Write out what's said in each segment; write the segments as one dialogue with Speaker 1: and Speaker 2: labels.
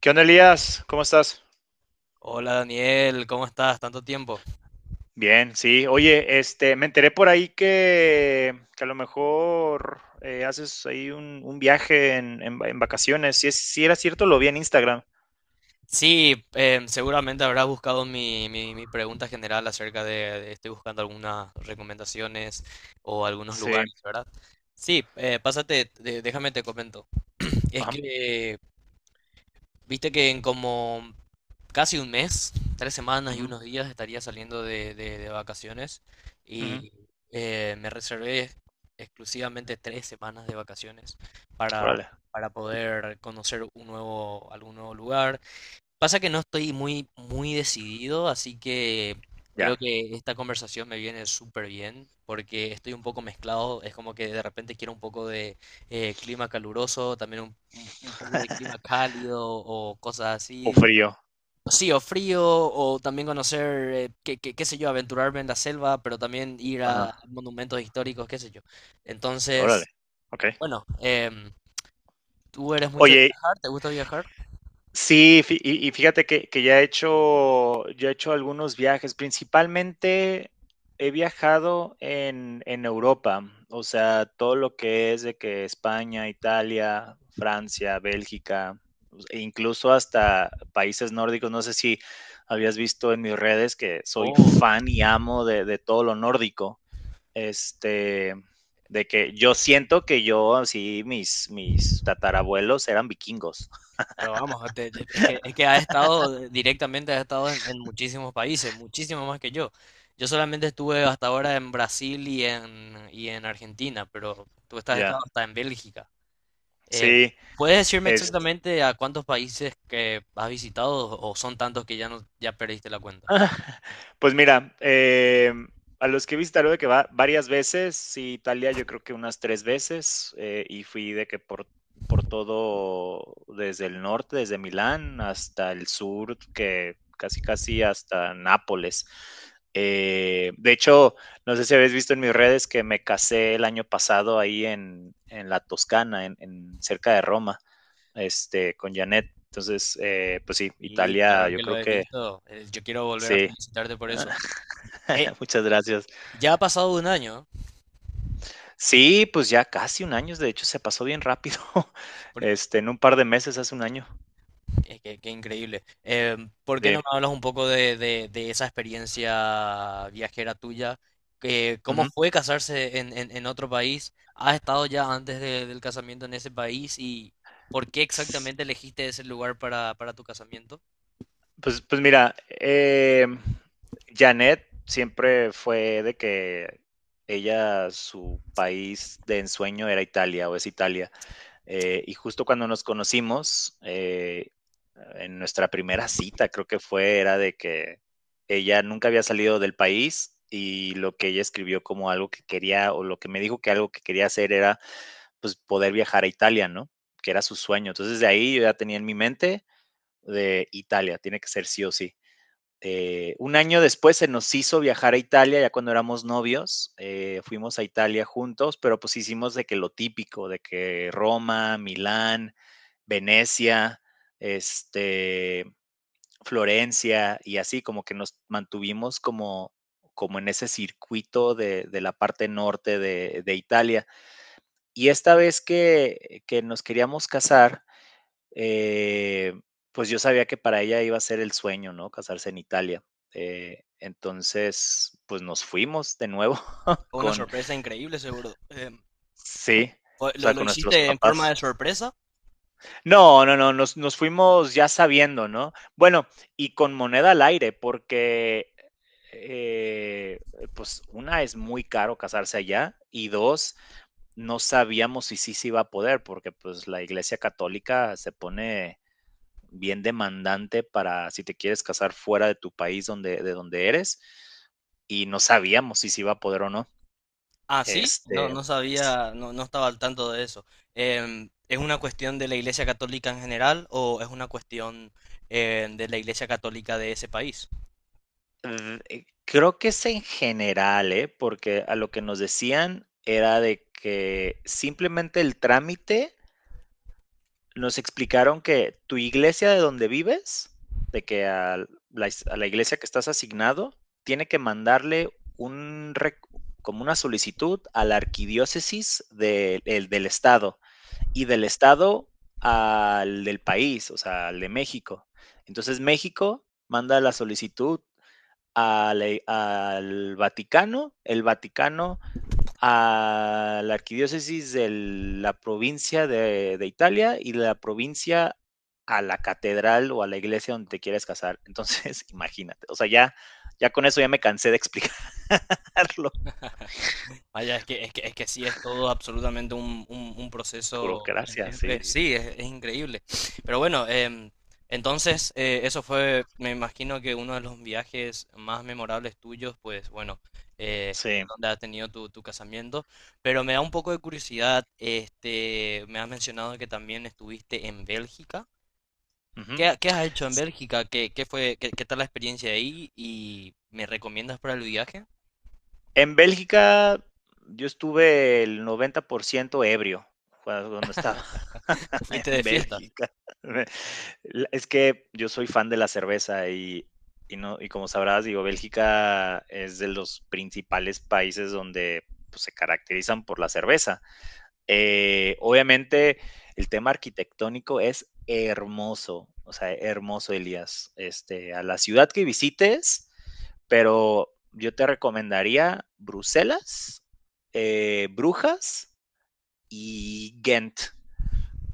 Speaker 1: ¿Qué onda, Elías? ¿Cómo estás?
Speaker 2: Hola Daniel, ¿cómo estás? Tanto tiempo.
Speaker 1: Bien, sí. Oye, me enteré por ahí que, a lo mejor haces ahí un, viaje en vacaciones. Si era cierto, lo vi en Instagram.
Speaker 2: Seguramente habrás buscado mi pregunta general acerca de estoy buscando algunas recomendaciones o algunos
Speaker 1: Sí.
Speaker 2: lugares, ¿verdad? Sí, pásate, déjame te comento. Es
Speaker 1: Ajá.
Speaker 2: que viste que en como casi un mes, tres semanas y
Speaker 1: Ujú.
Speaker 2: unos días estaría saliendo de vacaciones
Speaker 1: Ujú.
Speaker 2: y me reservé exclusivamente tres semanas de vacaciones para,
Speaker 1: Órale.
Speaker 2: para poder conocer un nuevo, algún nuevo lugar. Pasa que no estoy muy decidido, así que
Speaker 1: Ya.
Speaker 2: creo que esta conversación me viene súper bien porque estoy un poco mezclado. Es como que de repente quiero un poco de clima caluroso, también un poco de clima cálido o cosas
Speaker 1: O
Speaker 2: así.
Speaker 1: frío.
Speaker 2: Sí, o frío, o también conocer, qué, qué sé yo, aventurarme en la selva, pero también ir a
Speaker 1: Ajá.
Speaker 2: monumentos históricos, qué sé yo.
Speaker 1: Órale.
Speaker 2: Entonces,
Speaker 1: Ok.
Speaker 2: bueno, ¿tú eres mucho de
Speaker 1: Oye,
Speaker 2: viajar? ¿Te gusta viajar?
Speaker 1: sí, fi y fíjate que ya he hecho algunos viajes, principalmente he viajado en Europa, o sea, todo lo que es de que España, Italia, Francia, Bélgica, e incluso hasta países nórdicos. No sé si habías visto en mis redes que soy
Speaker 2: Oh.
Speaker 1: fan y amo de todo lo nórdico, este, de que yo siento que yo, así, mis tatarabuelos eran vikingos.
Speaker 2: Pero vamos, es que ha estado directamente, ha estado en muchísimos países, muchísimo más que yo. Yo solamente estuve hasta ahora en Brasil y en Argentina, pero tú estás estado
Speaker 1: Ya,
Speaker 2: hasta en Bélgica. Eh,
Speaker 1: sí.
Speaker 2: ¿Puedes decirme
Speaker 1: Es
Speaker 2: exactamente a cuántos países que has visitado o son tantos que ya no, ya perdiste la cuenta?
Speaker 1: Pues mira, a los que he visitado de que va varias veces, sí, Italia yo creo que unas 3 veces. Y fui de que por todo desde el norte, desde Milán hasta el sur, que casi, casi hasta Nápoles. De hecho, no sé si habéis visto en mis redes que me casé el año pasado ahí en la Toscana, en cerca de Roma, con Janet. Entonces, pues sí,
Speaker 2: Y
Speaker 1: Italia,
Speaker 2: claro
Speaker 1: yo
Speaker 2: que lo
Speaker 1: creo
Speaker 2: he
Speaker 1: que.
Speaker 2: visto. Yo quiero volver a
Speaker 1: Sí,
Speaker 2: felicitarte por eso. Eh,
Speaker 1: muchas gracias.
Speaker 2: ya ha pasado un año,
Speaker 1: Sí, pues ya casi un año, de hecho, se pasó bien rápido.
Speaker 2: ¿eh?
Speaker 1: En un par de meses hace un año.
Speaker 2: Qué increíble. ¿Por qué
Speaker 1: Sí.
Speaker 2: no me hablas un poco de, de esa experiencia viajera tuya? ¿Cómo
Speaker 1: Ujú.
Speaker 2: fue casarse en, en otro país? ¿Has estado ya antes del casamiento en ese país? ¿Y por qué
Speaker 1: S
Speaker 2: exactamente elegiste ese lugar para tu casamiento?
Speaker 1: Pues mira, Janette siempre fue de que ella, su país de ensueño era Italia, o es Italia. Y justo cuando nos conocimos, en nuestra primera cita, creo que fue, era de que ella nunca había salido del país, y lo que ella escribió como algo que quería, o lo que me dijo que algo que quería hacer era, pues, poder viajar a Italia, ¿no? Que era su sueño. Entonces, de ahí yo ya tenía en mi mente de Italia, tiene que ser sí o sí. Un año después se nos hizo viajar a Italia, ya cuando éramos novios, fuimos a Italia juntos, pero pues hicimos de que lo típico, de que Roma, Milán, Venecia, este, Florencia y así, como que nos mantuvimos como en ese circuito de la parte norte de Italia. Y esta vez que, nos queríamos casar, eh, pues yo sabía que para ella iba a ser el sueño, ¿no? Casarse en Italia. Entonces, pues nos fuimos de nuevo
Speaker 2: Fue una
Speaker 1: con,
Speaker 2: sorpresa increíble, seguro.
Speaker 1: sí, o sea,
Speaker 2: Lo
Speaker 1: con nuestros
Speaker 2: hiciste en forma
Speaker 1: papás.
Speaker 2: de sorpresa?
Speaker 1: No, no, no, nos fuimos ya sabiendo, ¿no? Bueno, y con moneda al aire, porque, eh, pues una, es muy caro casarse allá, y dos, no sabíamos si sí se iba a poder, porque pues la iglesia católica se pone bien demandante para si te quieres casar fuera de tu país donde, de donde eres, y no sabíamos si se iba a poder o no.
Speaker 2: Ah, sí, no,
Speaker 1: Este,
Speaker 2: no
Speaker 1: s-
Speaker 2: sabía, no, no estaba al tanto de eso. ¿Es una cuestión de la Iglesia Católica en general o es una cuestión de la Iglesia Católica de ese país?
Speaker 1: Creo que es en general, ¿eh? Porque a lo que nos decían era de que simplemente el trámite nos explicaron que tu iglesia de donde vives, de que a a la iglesia que estás asignado, tiene que mandarle un, rec- como una solicitud a la arquidiócesis de- el- del estado, y del estado al del país, o sea, al de México. Entonces México manda la solicitud a la al Vaticano, el Vaticano a la arquidiócesis de la provincia de Italia, y de la provincia a la catedral o a la iglesia donde te quieras casar. Entonces, imagínate, o sea, ya, ya con eso ya me cansé de explicarlo.
Speaker 2: Vaya, es que, es que, es que sí, es todo absolutamente un, un proceso.
Speaker 1: Burocracia, sí.
Speaker 2: Sí, es increíble. Pero bueno, entonces eso fue, me imagino que uno de los viajes más memorables tuyos, pues bueno, es
Speaker 1: Sí.
Speaker 2: donde has tenido tu, tu casamiento. Pero me da un poco de curiosidad, este, me has mencionado que también estuviste en Bélgica.
Speaker 1: Ujú.
Speaker 2: ¿Qué, qué has hecho en Bélgica? ¿Qué, qué fue, qué, qué tal la experiencia ahí? ¿Y me recomiendas para el viaje?
Speaker 1: En Bélgica yo estuve el 90% ebrio cuando estaba.
Speaker 2: ¿Fuiste de
Speaker 1: En
Speaker 2: fiesta?
Speaker 1: Bélgica. La Es que yo soy fan de la cerveza, y no, y como sabrás, digo, Bélgica es de los principales países donde, pues, se caracterizan por la cerveza. Obviamente, el tema arquitectónico es hermoso, o sea, hermoso, Elías. A la ciudad que visites, pero yo te recomendaría Bruselas, Brujas y Ghent,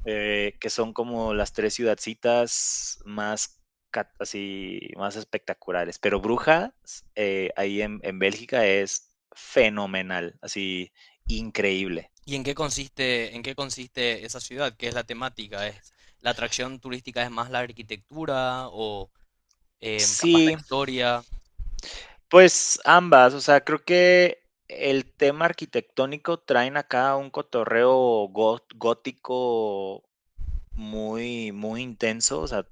Speaker 1: que son como las tres ciudadcitas más así más espectaculares. Pero Brujas, ahí en Bélgica, es fenomenal, así increíble.
Speaker 2: ¿Y en qué consiste esa ciudad? ¿Qué es la temática? ¿Es la atracción turística es más la arquitectura o capaz
Speaker 1: Sí,
Speaker 2: la historia?
Speaker 1: pues ambas, o sea, creo que el tema arquitectónico traen acá un cotorreo gótico, muy, muy intenso, o sea,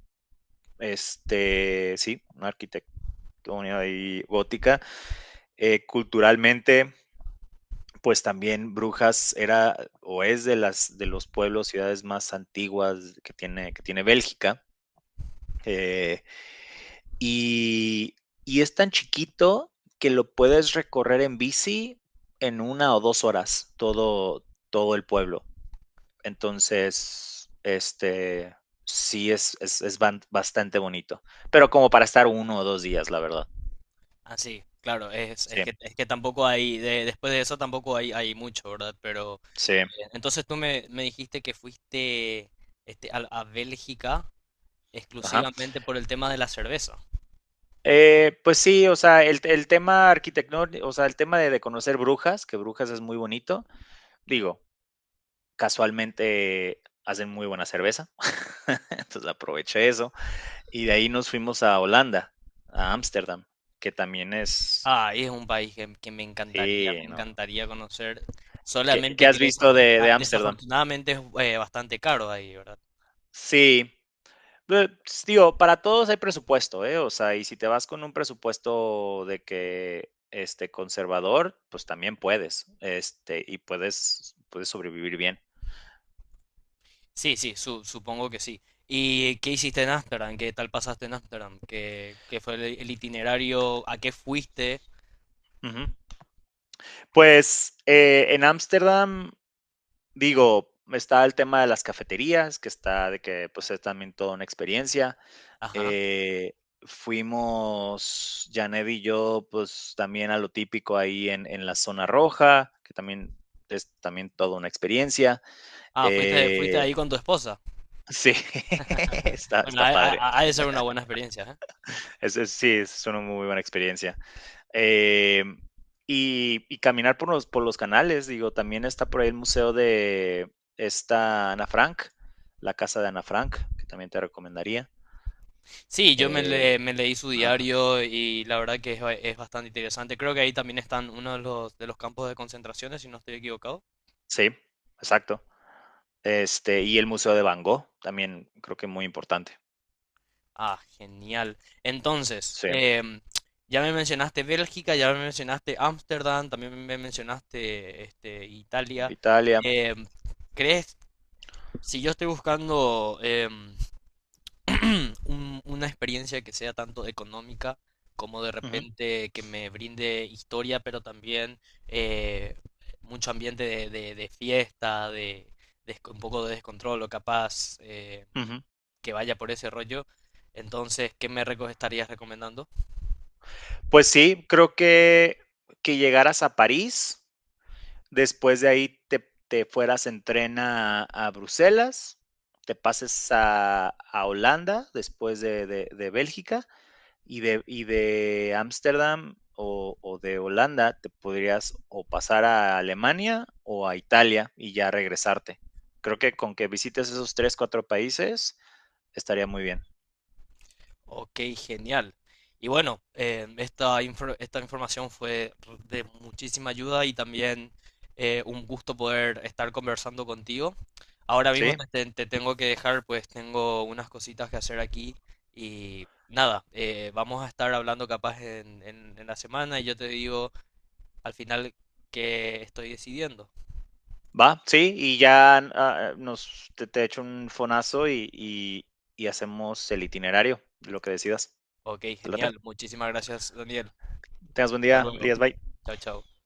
Speaker 1: sí, una arquitectura ahí gótica. Culturalmente, pues también Brujas era o es de los pueblos, ciudades más antiguas que tiene Bélgica. eh, y, es tan chiquito que lo puedes recorrer en bici en 1 o 2 horas, todo, todo el pueblo. Entonces, sí bastante bonito. Pero como para estar 1 o 2 días, la verdad.
Speaker 2: Así, claro,
Speaker 1: Sí,
Speaker 2: es que tampoco hay, después de eso tampoco hay, hay mucho, ¿verdad? Pero
Speaker 1: sí.
Speaker 2: eh, entonces tú me, me dijiste que fuiste este, a Bélgica
Speaker 1: Ajá.
Speaker 2: exclusivamente por el tema de la cerveza.
Speaker 1: Pues sí, o sea, el tema arquitectón o sea, el tema de conocer Brujas, que Brujas es muy bonito. Digo, casualmente hacen muy buena cerveza, entonces aproveché eso, y de ahí nos fuimos a Holanda, a Ámsterdam, que también es.
Speaker 2: Ah, y es un país que
Speaker 1: Sí,
Speaker 2: me
Speaker 1: no.
Speaker 2: encantaría conocer,
Speaker 1: Qué
Speaker 2: solamente que
Speaker 1: has visto de Ámsterdam?
Speaker 2: desafortunadamente es bastante caro ahí, ¿verdad?
Speaker 1: Sí. S Digo, para todos hay presupuesto, ¿eh? O sea, y si te vas con un presupuesto de que, este, conservador, pues también puedes, y puedes sobrevivir bien.
Speaker 2: Sí, sí, supongo que sí. ¿Y qué hiciste en Ámsterdam? ¿Qué tal pasaste en Ámsterdam? ¿Qué, qué fue el itinerario? ¿A qué fuiste?
Speaker 1: Ujú. Pues, en Ámsterdam, digo, está el tema de las cafeterías, que está de que, pues, es también toda una experiencia.
Speaker 2: Ajá.
Speaker 1: Eh, Fuimos Janed y yo, pues, también a lo típico ahí en la zona roja, que también es también toda una experiencia.
Speaker 2: Ah, fuiste, fuiste
Speaker 1: Eh,
Speaker 2: ahí con tu esposa.
Speaker 1: sí, está
Speaker 2: Bueno, ha,
Speaker 1: padre.
Speaker 2: ha de ser una buena experiencia, ¿eh?
Speaker 1: Es, sí, es una muy buena experiencia. Em, y caminar por los canales, digo, también está por ahí el museo de esta Ana Frank, la casa de Ana Frank, que también te recomendaría.
Speaker 2: Sí, yo me,
Speaker 1: Eh,
Speaker 2: me leí su
Speaker 1: ajá,
Speaker 2: diario y la verdad que es, es bastante interesante. Creo que ahí también están uno de los campos de concentraciones, si no estoy equivocado.
Speaker 1: sí, exacto. Y el museo de Van Gogh, también creo que muy importante.
Speaker 2: Ah, genial. Entonces,
Speaker 1: Sí,
Speaker 2: ya me mencionaste Bélgica, ya me mencionaste Ámsterdam, también me mencionaste este, Italia.
Speaker 1: Italia.
Speaker 2: Em, ¿Crees, si yo estoy buscando una experiencia que sea tanto económica como de
Speaker 1: Ujú.
Speaker 2: repente que me brinde historia, pero también eh, mucho ambiente de, de fiesta, de, un poco de descontrol o capaz?
Speaker 1: Ujú.
Speaker 2: Que vaya por ese rollo. Entonces, ¿qué me estarías recomendando?
Speaker 1: Pues sí, creo que llegaras a París. Después de ahí te fueras en tren a, Bruselas, te pases a, Holanda después de Bélgica, y y de Ámsterdam, o, de Holanda te podrías o pasar a Alemania o a Italia y ya regresarte. Creo que con que visites esos tres, cuatro países, estaría muy bien.
Speaker 2: Ok, genial. Y bueno, esta, esta información fue de muchísima ayuda y también un gusto poder estar conversando contigo. Ahora mismo
Speaker 1: Sí,
Speaker 2: te, te tengo que dejar, pues tengo unas cositas que hacer aquí y nada, vamos a estar hablando capaz en la semana y yo te digo al final qué estoy decidiendo.
Speaker 1: va, sí, y ya te echo un fonazo, y hacemos el itinerario, lo que decidas.
Speaker 2: Ok,
Speaker 1: Te late.
Speaker 2: genial. Muchísimas gracias, Daniel.
Speaker 1: Tengas buen
Speaker 2: Hasta
Speaker 1: día,
Speaker 2: luego.
Speaker 1: Elías. Bye.
Speaker 2: Chao, chao.